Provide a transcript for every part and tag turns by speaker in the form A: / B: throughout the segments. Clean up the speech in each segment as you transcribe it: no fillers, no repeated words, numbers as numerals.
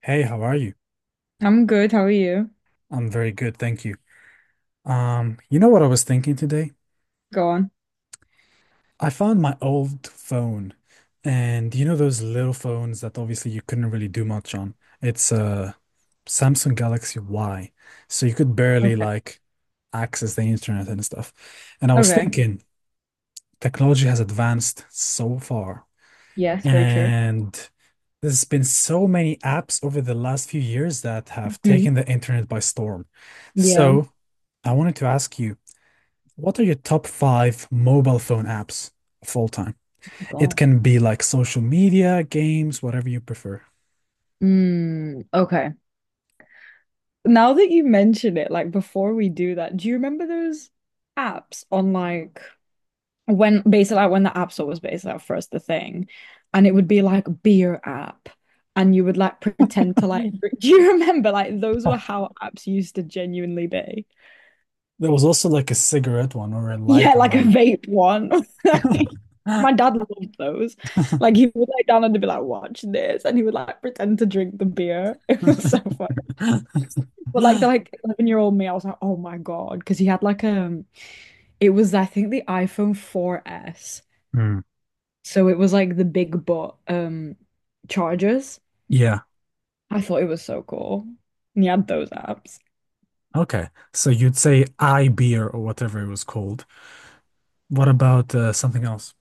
A: Hey, how are you?
B: I'm good. How are you?
A: I'm very good, thank you. You know what I was thinking today?
B: Go on.
A: I found my old phone, and you know those little phones that obviously you couldn't really do much on. It's a Samsung Galaxy Y, so you could barely
B: Okay.
A: like access the internet and stuff. And I was
B: Okay.
A: thinking, technology has advanced so far,
B: Yes, very true.
A: and there's been so many apps over the last few years that have
B: Hmm.
A: taken the internet by storm.
B: Yeah.
A: So I wanted to ask you. What are your top five mobile phone apps of all time? It
B: God.
A: can be like social media, games, whatever you prefer.
B: Mm, okay. Now that you mention it, like before we do that, do you remember those apps on like when basically like when the App Store was basically like first the thing, and it would be like beer app, and you would like pretend to Do you remember like those were
A: Huh.
B: how apps used to genuinely be?
A: There was also like a cigarette one or a
B: Yeah,
A: lighter
B: like a
A: one.
B: vape one. My dad loved those. Like he would lay down and be like, watch this. And he would like pretend to drink the beer. It was so funny. But like the like 11-year-old me, I was like, oh my God. Because he had like it was I think the iPhone 4S.
A: Hmm.
B: So it was like the big butt chargers.
A: Yeah.
B: I thought it was so cool. And he had those apps.
A: Okay. So you'd say I beer or whatever it was called. What about something else?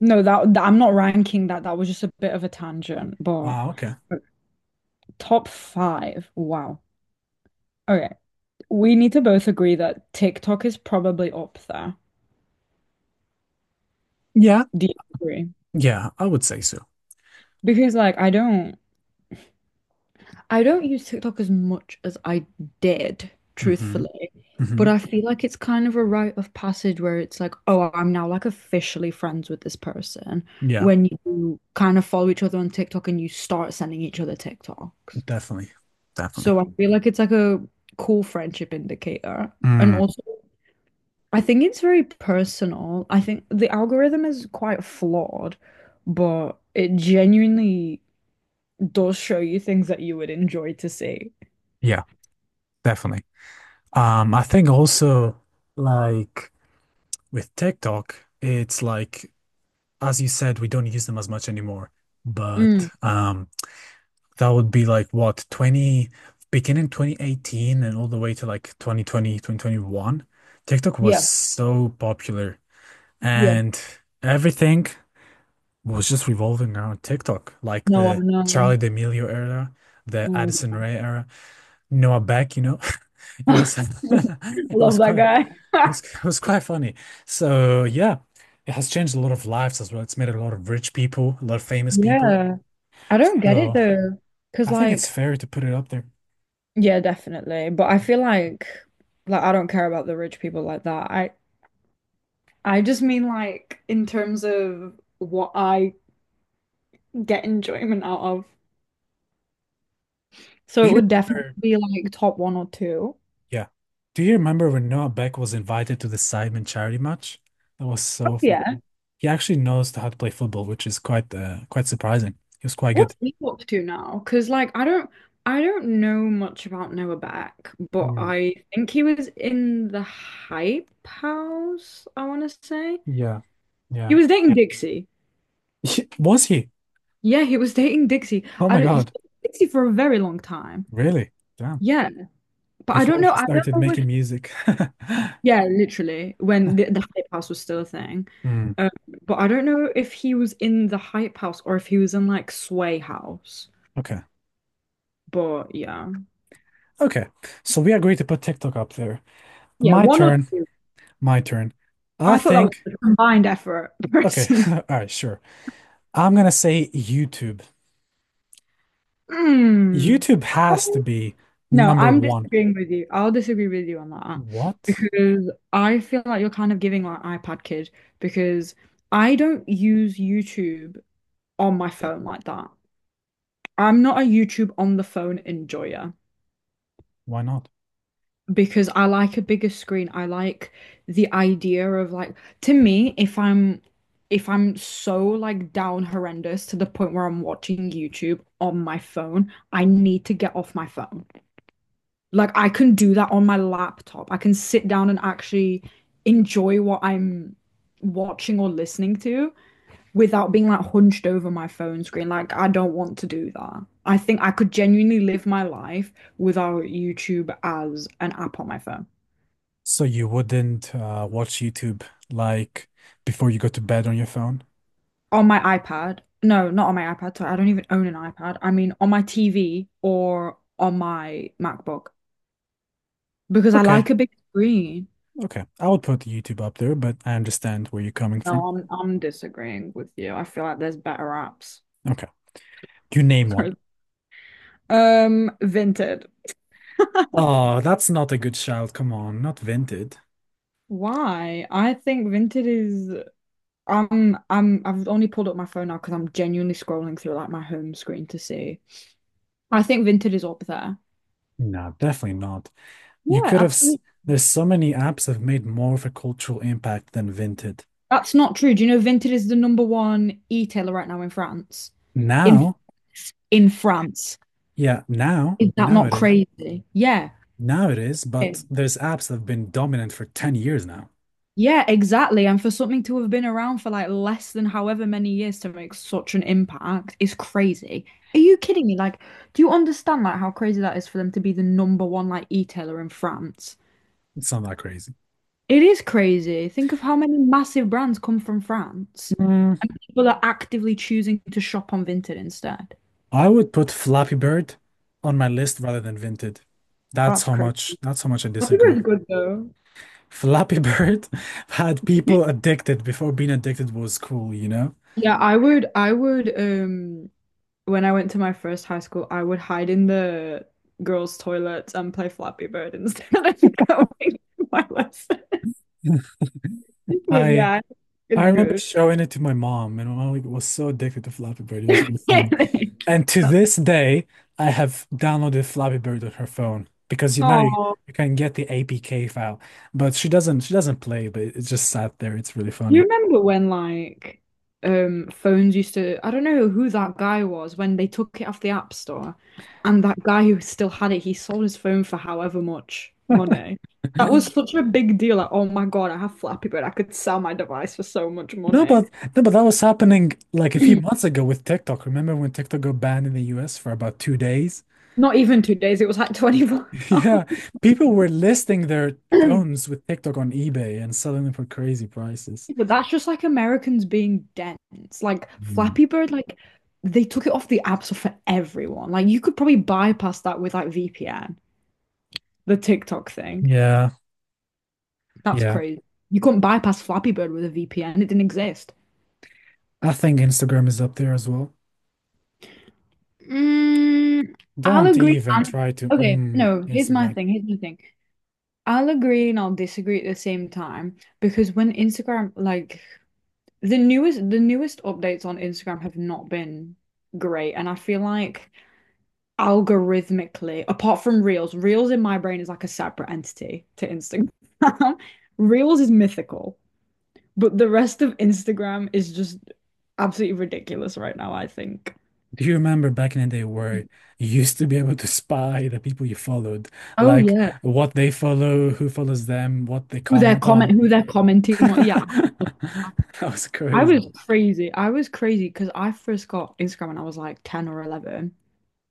B: No, that I'm not ranking that. That was just a bit of a tangent,
A: Ah, okay.
B: but top 5. Wow. Okay. We need to both agree that TikTok is probably up there.
A: Yeah.
B: Do you agree?
A: Yeah, I would say so.
B: Because like I don't use TikTok as much as I did,
A: Hmm.
B: truthfully. But
A: Hmm.
B: I feel like it's kind of a rite of passage where it's like, oh, I'm now like officially friends with this person
A: Yeah,
B: when you kind of follow each other on TikTok and you start sending each other TikToks.
A: definitely. Definitely.
B: So I feel like it's like a cool friendship indicator. And
A: Mm.
B: also I think it's very personal. I think the algorithm is quite flawed, but it genuinely does show you things that you would enjoy to see.
A: Yeah, definitely. I think also like with TikTok, it's like as you said, we don't use them as much anymore.
B: Mm,
A: But that would be like what 20 beginning 2018 and all the way to like 2020 2021, TikTok was
B: yeah,
A: so popular
B: yeah.
A: and everything was just revolving around TikTok, like
B: No, I
A: the
B: know.
A: Charli D'Amelio era, the Addison
B: Mm.
A: Rae era. Noah Beck, you know, it
B: I
A: was it
B: love
A: was
B: that
A: quite it
B: guy.
A: was it was quite funny. So yeah, it has changed a lot of lives as well. It's made a lot of rich people, a lot of famous people.
B: Yeah. I don't get it
A: So
B: though. Because,
A: I think it's
B: like,
A: fair to put it up there.
B: yeah, definitely. But I feel like, I don't care about the rich people like that. I just mean, like, in terms of what I get enjoyment out of. So
A: Do
B: it
A: you
B: would definitely
A: remember?
B: be like top 1 or 2.
A: Yeah. Do you remember when Noah Beck was invited to the Sidemen charity match? That was
B: Oh,
A: so fun.
B: yeah.
A: He actually knows how to play football, which is quite surprising. He was quite
B: What's
A: good.
B: he up to now? Because like I don't know much about Noah Beck, but
A: Mm,
B: I think he was in the Hype House, I want to say.
A: yeah.
B: He
A: Yeah.
B: was dating Dixie.
A: Was he?
B: Yeah, he was dating Dixie.
A: Oh
B: I
A: my
B: don't he,
A: God.
B: dated Dixie for a very long time.
A: Really? Damn.
B: Yeah, but I don't
A: Before
B: know.
A: she
B: I
A: started
B: don't know
A: making
B: if
A: music.
B: yeah, literally when the Hype House was still a thing.
A: Mm,
B: Um, but I don't know if he was in the Hype House or if he was in like Sway House.
A: okay.
B: But yeah,
A: Okay. So we agreed to put TikTok up there.
B: yeah,
A: My
B: one or
A: turn.
B: two.
A: My turn. I
B: I thought that was
A: think.
B: a combined effort,
A: Okay.
B: personally.
A: All right. Sure. I'm gonna say YouTube.
B: Mm.
A: YouTube has to be
B: No,
A: number
B: I'm
A: one.
B: disagreeing with you. I'll disagree with you on that
A: What?
B: because I feel like you're kind of giving like iPad kid because I don't use YouTube on my phone like that. I'm not a YouTube on the phone enjoyer.
A: Why not?
B: Because I like a bigger screen. I like the idea of like to me, if I'm so like down horrendous to the point where I'm watching YouTube on my phone, I need to get off my phone. Like I can do that on my laptop. I can sit down and actually enjoy what I'm watching or listening to without being like hunched over my phone screen. Like I don't want to do that. I think I could genuinely live my life without YouTube as an app on my phone.
A: So you wouldn't watch YouTube like before you go to bed on your phone?
B: On my iPad. No, not on my iPad. Sorry, I don't even own an iPad. I mean, on my TV or on my MacBook because I
A: Okay,
B: like a big screen.
A: okay. I would put YouTube up there, but I understand where you're coming
B: No,
A: from.
B: I'm disagreeing with you. I feel like there's better apps.
A: Okay. You name one.
B: Vinted.
A: Oh, that's not a good shout. Come on, not Vinted.
B: Why? I think Vinted is I've only pulled up my phone now because I'm genuinely scrolling through like my home screen to see. I think Vinted is up there.
A: No, definitely not.
B: Yeah,
A: You could have.
B: absolutely.
A: There's so many apps have made more of a cultural impact than Vinted.
B: That's not true. Do you know Vinted is the number one e-tailer right now in France? in
A: Now,
B: in France.
A: yeah, now,
B: Is that
A: now
B: not
A: it is.
B: crazy? Yeah.
A: Now it is, but there's apps that have been dominant for 10 years now.
B: Yeah, exactly. And for something to have been around for like less than however many years to make such an impact is crazy. Are you kidding me? Like, do you understand like how crazy that is for them to be the number one like e-tailer in France?
A: It's not that crazy.
B: It is crazy. Think of how many massive brands come from France.
A: Mm,
B: People are actively choosing to shop on Vinted instead.
A: I would put Flappy Bird on my list rather than Vinted.
B: That's crazy.
A: That's how much I
B: I think
A: disagree.
B: it's good though.
A: Flappy Bird had people addicted before being addicted was cool, you know?
B: Yeah, I would when I went to my first high school, I would hide in the girls' toilets and play Flappy Bird instead of going to my lesson. But
A: I
B: yeah,
A: I
B: it's
A: remember
B: good.
A: showing it to my mom, and my mom like, was so addicted to Flappy Bird. It was really funny. And to this day, I have downloaded Flappy Bird on her phone because
B: Oh,
A: you can get the APK file, but she doesn't play, but it just sat there. It's really
B: you
A: funny.
B: remember when like phones used to, I don't know who that guy was when they took it off the App Store and that guy who still had it, he sold his phone for however much money. That was such a big deal. Like, oh my God, I have Flappy Bird. I could sell my device for so much
A: No,
B: money.
A: but no, but that was happening like a few months ago with TikTok. Remember when TikTok got banned in the US for about 2 days?
B: Not even 2 days, it was like 24 hours.
A: Yeah, people were listing their phones with TikTok on eBay and selling them for crazy prices.
B: But that's just like Americans being dense. Like
A: Mm.
B: Flappy Bird, like they took it off the app store for everyone. Like you could probably bypass that with like VPN, the TikTok thing.
A: Yeah,
B: That's
A: yeah.
B: crazy. You couldn't bypass Flappy Bird with a VPN. It didn't exist.
A: I think Instagram is up there as well.
B: Mm, I'll
A: Don't
B: agree
A: even
B: and
A: try to
B: okay,
A: mm,
B: no, here's my
A: Instagram.
B: thing. Here's my thing. I'll agree and I'll disagree at the same time because when Instagram like the newest updates on Instagram have not been great, and I feel like algorithmically, apart from Reels, Reels in my brain is like a separate entity to Instagram. Reels is mythical, but the rest of Instagram is just absolutely ridiculous right now, I think.
A: Do you remember back in the day where you used to be able to spy the people you followed,
B: Oh
A: like
B: yeah.
A: what they follow, who follows them, what they comment on?
B: Who they're commenting on. Yeah.
A: That was
B: I
A: crazy.
B: was crazy. I was crazy because I first got Instagram when I was like 10 or 11.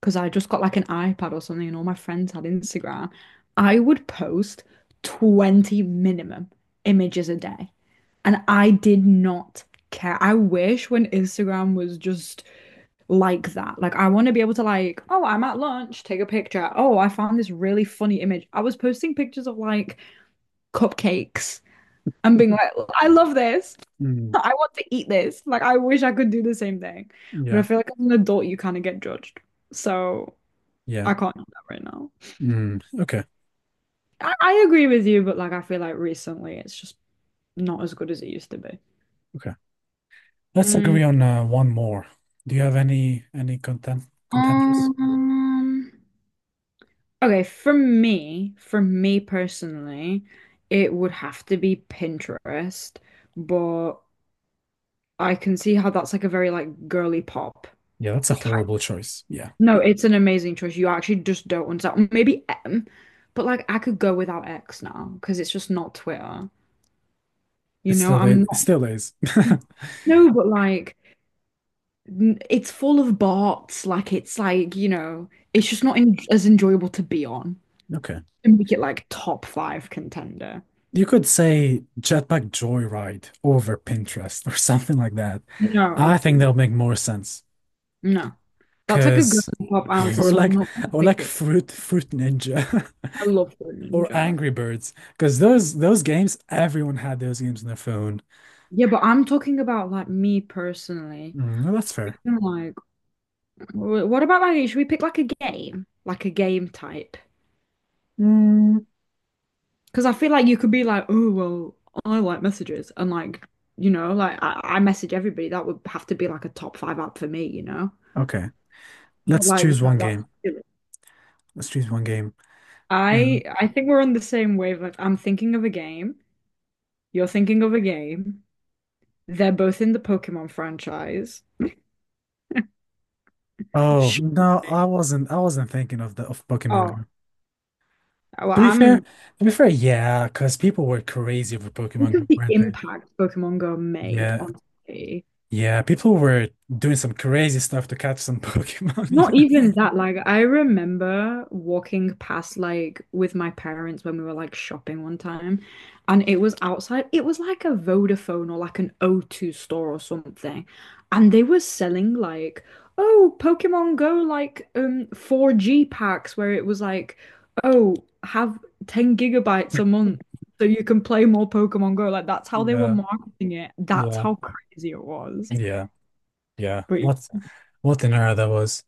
B: Because I just got like an iPad or something and all my friends had Instagram, I would post 20 minimum images a day. And I did not care. I wish when Instagram was just like that. Like I want to be able to like, oh, I'm at lunch, take a picture. Oh, I found this really funny image. I was posting pictures of like cupcakes and being like, I love this.
A: Mm,
B: I want to eat this. Like I wish I could do the same thing. But I
A: yeah,
B: feel like as an adult you kind of get judged. So
A: yeah.
B: I can't do that right now.
A: Mm, okay,
B: I agree with you, but like I feel like recently it's just not as good as it used to be.
A: okay. Let's
B: Mm,
A: agree on one more. Do you have any content contenders?
B: um, okay, for me personally, it would have to be Pinterest, but I can see how that's like a very like girly pop
A: Yeah, that's a
B: type.
A: horrible choice. Yeah,
B: No, it's an amazing choice. You actually just don't understand. Maybe M, but like I could go without X now because it's just not Twitter.
A: it
B: You know,
A: still
B: I'm
A: is, it
B: not.
A: still is.
B: No, but like it's full of bots. Like it's like, you know, it's just not en as enjoyable to be on
A: Okay.
B: and make it like top 5 contender.
A: You could say Jetpack Joyride over Pinterest or something like that.
B: No,
A: I think
B: absolutely.
A: that'll make more sense
B: No. That's like a good
A: because
B: pop answer,
A: we're
B: so I'm
A: like
B: not gonna
A: we're
B: pick
A: like
B: it.
A: fruit fruit ninja.
B: I love Fruit
A: Or
B: Ninja.
A: Angry Birds, because those games, everyone had those games on their phone.
B: Yeah, but I'm talking about like me personally.
A: Mm, no, that's fair.
B: I'm like, what about like, should we pick like a game? Like a game type?
A: Mm,
B: Because I feel like you could be like, oh, well, I like messages. And like, you know, like I message everybody. That would have to be like a top 5 app for me, you know?
A: okay,
B: But
A: let's
B: like,
A: choose
B: no,
A: one
B: that's
A: game.
B: silly.
A: Let's choose one game. Mm.
B: I think we're on the same wavelength. I'm thinking of a game. You're thinking of a game. They're both in the Pokemon franchise.
A: Oh
B: Sure.
A: no, I wasn't. I wasn't thinking of the of Pokemon
B: Oh,
A: Go.
B: well,
A: To be fair,
B: I'm
A: to be fair, yeah, because people were crazy over
B: think
A: Pokemon Go,
B: of the
A: weren't they?
B: impact Pokemon Go made
A: Yeah,
B: on society.
A: yeah, people were doing some crazy stuff to catch some Pokemon. You
B: Not even that, like I remember walking past like with my parents when we were like shopping one time and it was outside. It was like a Vodafone or like an O2 store or something. And they were selling like, oh, Pokemon Go like 4G packs where it was like, oh, have 10 gigabytes a month so you can play more Pokemon Go. Like that's how they were
A: know?
B: marketing it. That's
A: Yeah,
B: how crazy it was.
A: yeah, yeah, yeah.
B: But
A: What what an era that was.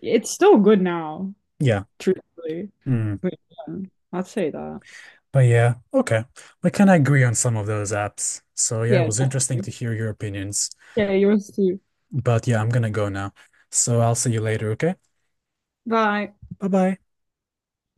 B: it's still good now.
A: Yeah.
B: Truthfully.
A: Mm.
B: But yeah, I'd say that.
A: But yeah, okay. We kind of agree on some of those apps. So yeah, it
B: Yeah,
A: was interesting
B: definitely.
A: to hear your opinions.
B: Yeah, yours too.
A: But yeah, I'm gonna go now. So I'll see you later, okay?
B: Bye.
A: Bye bye.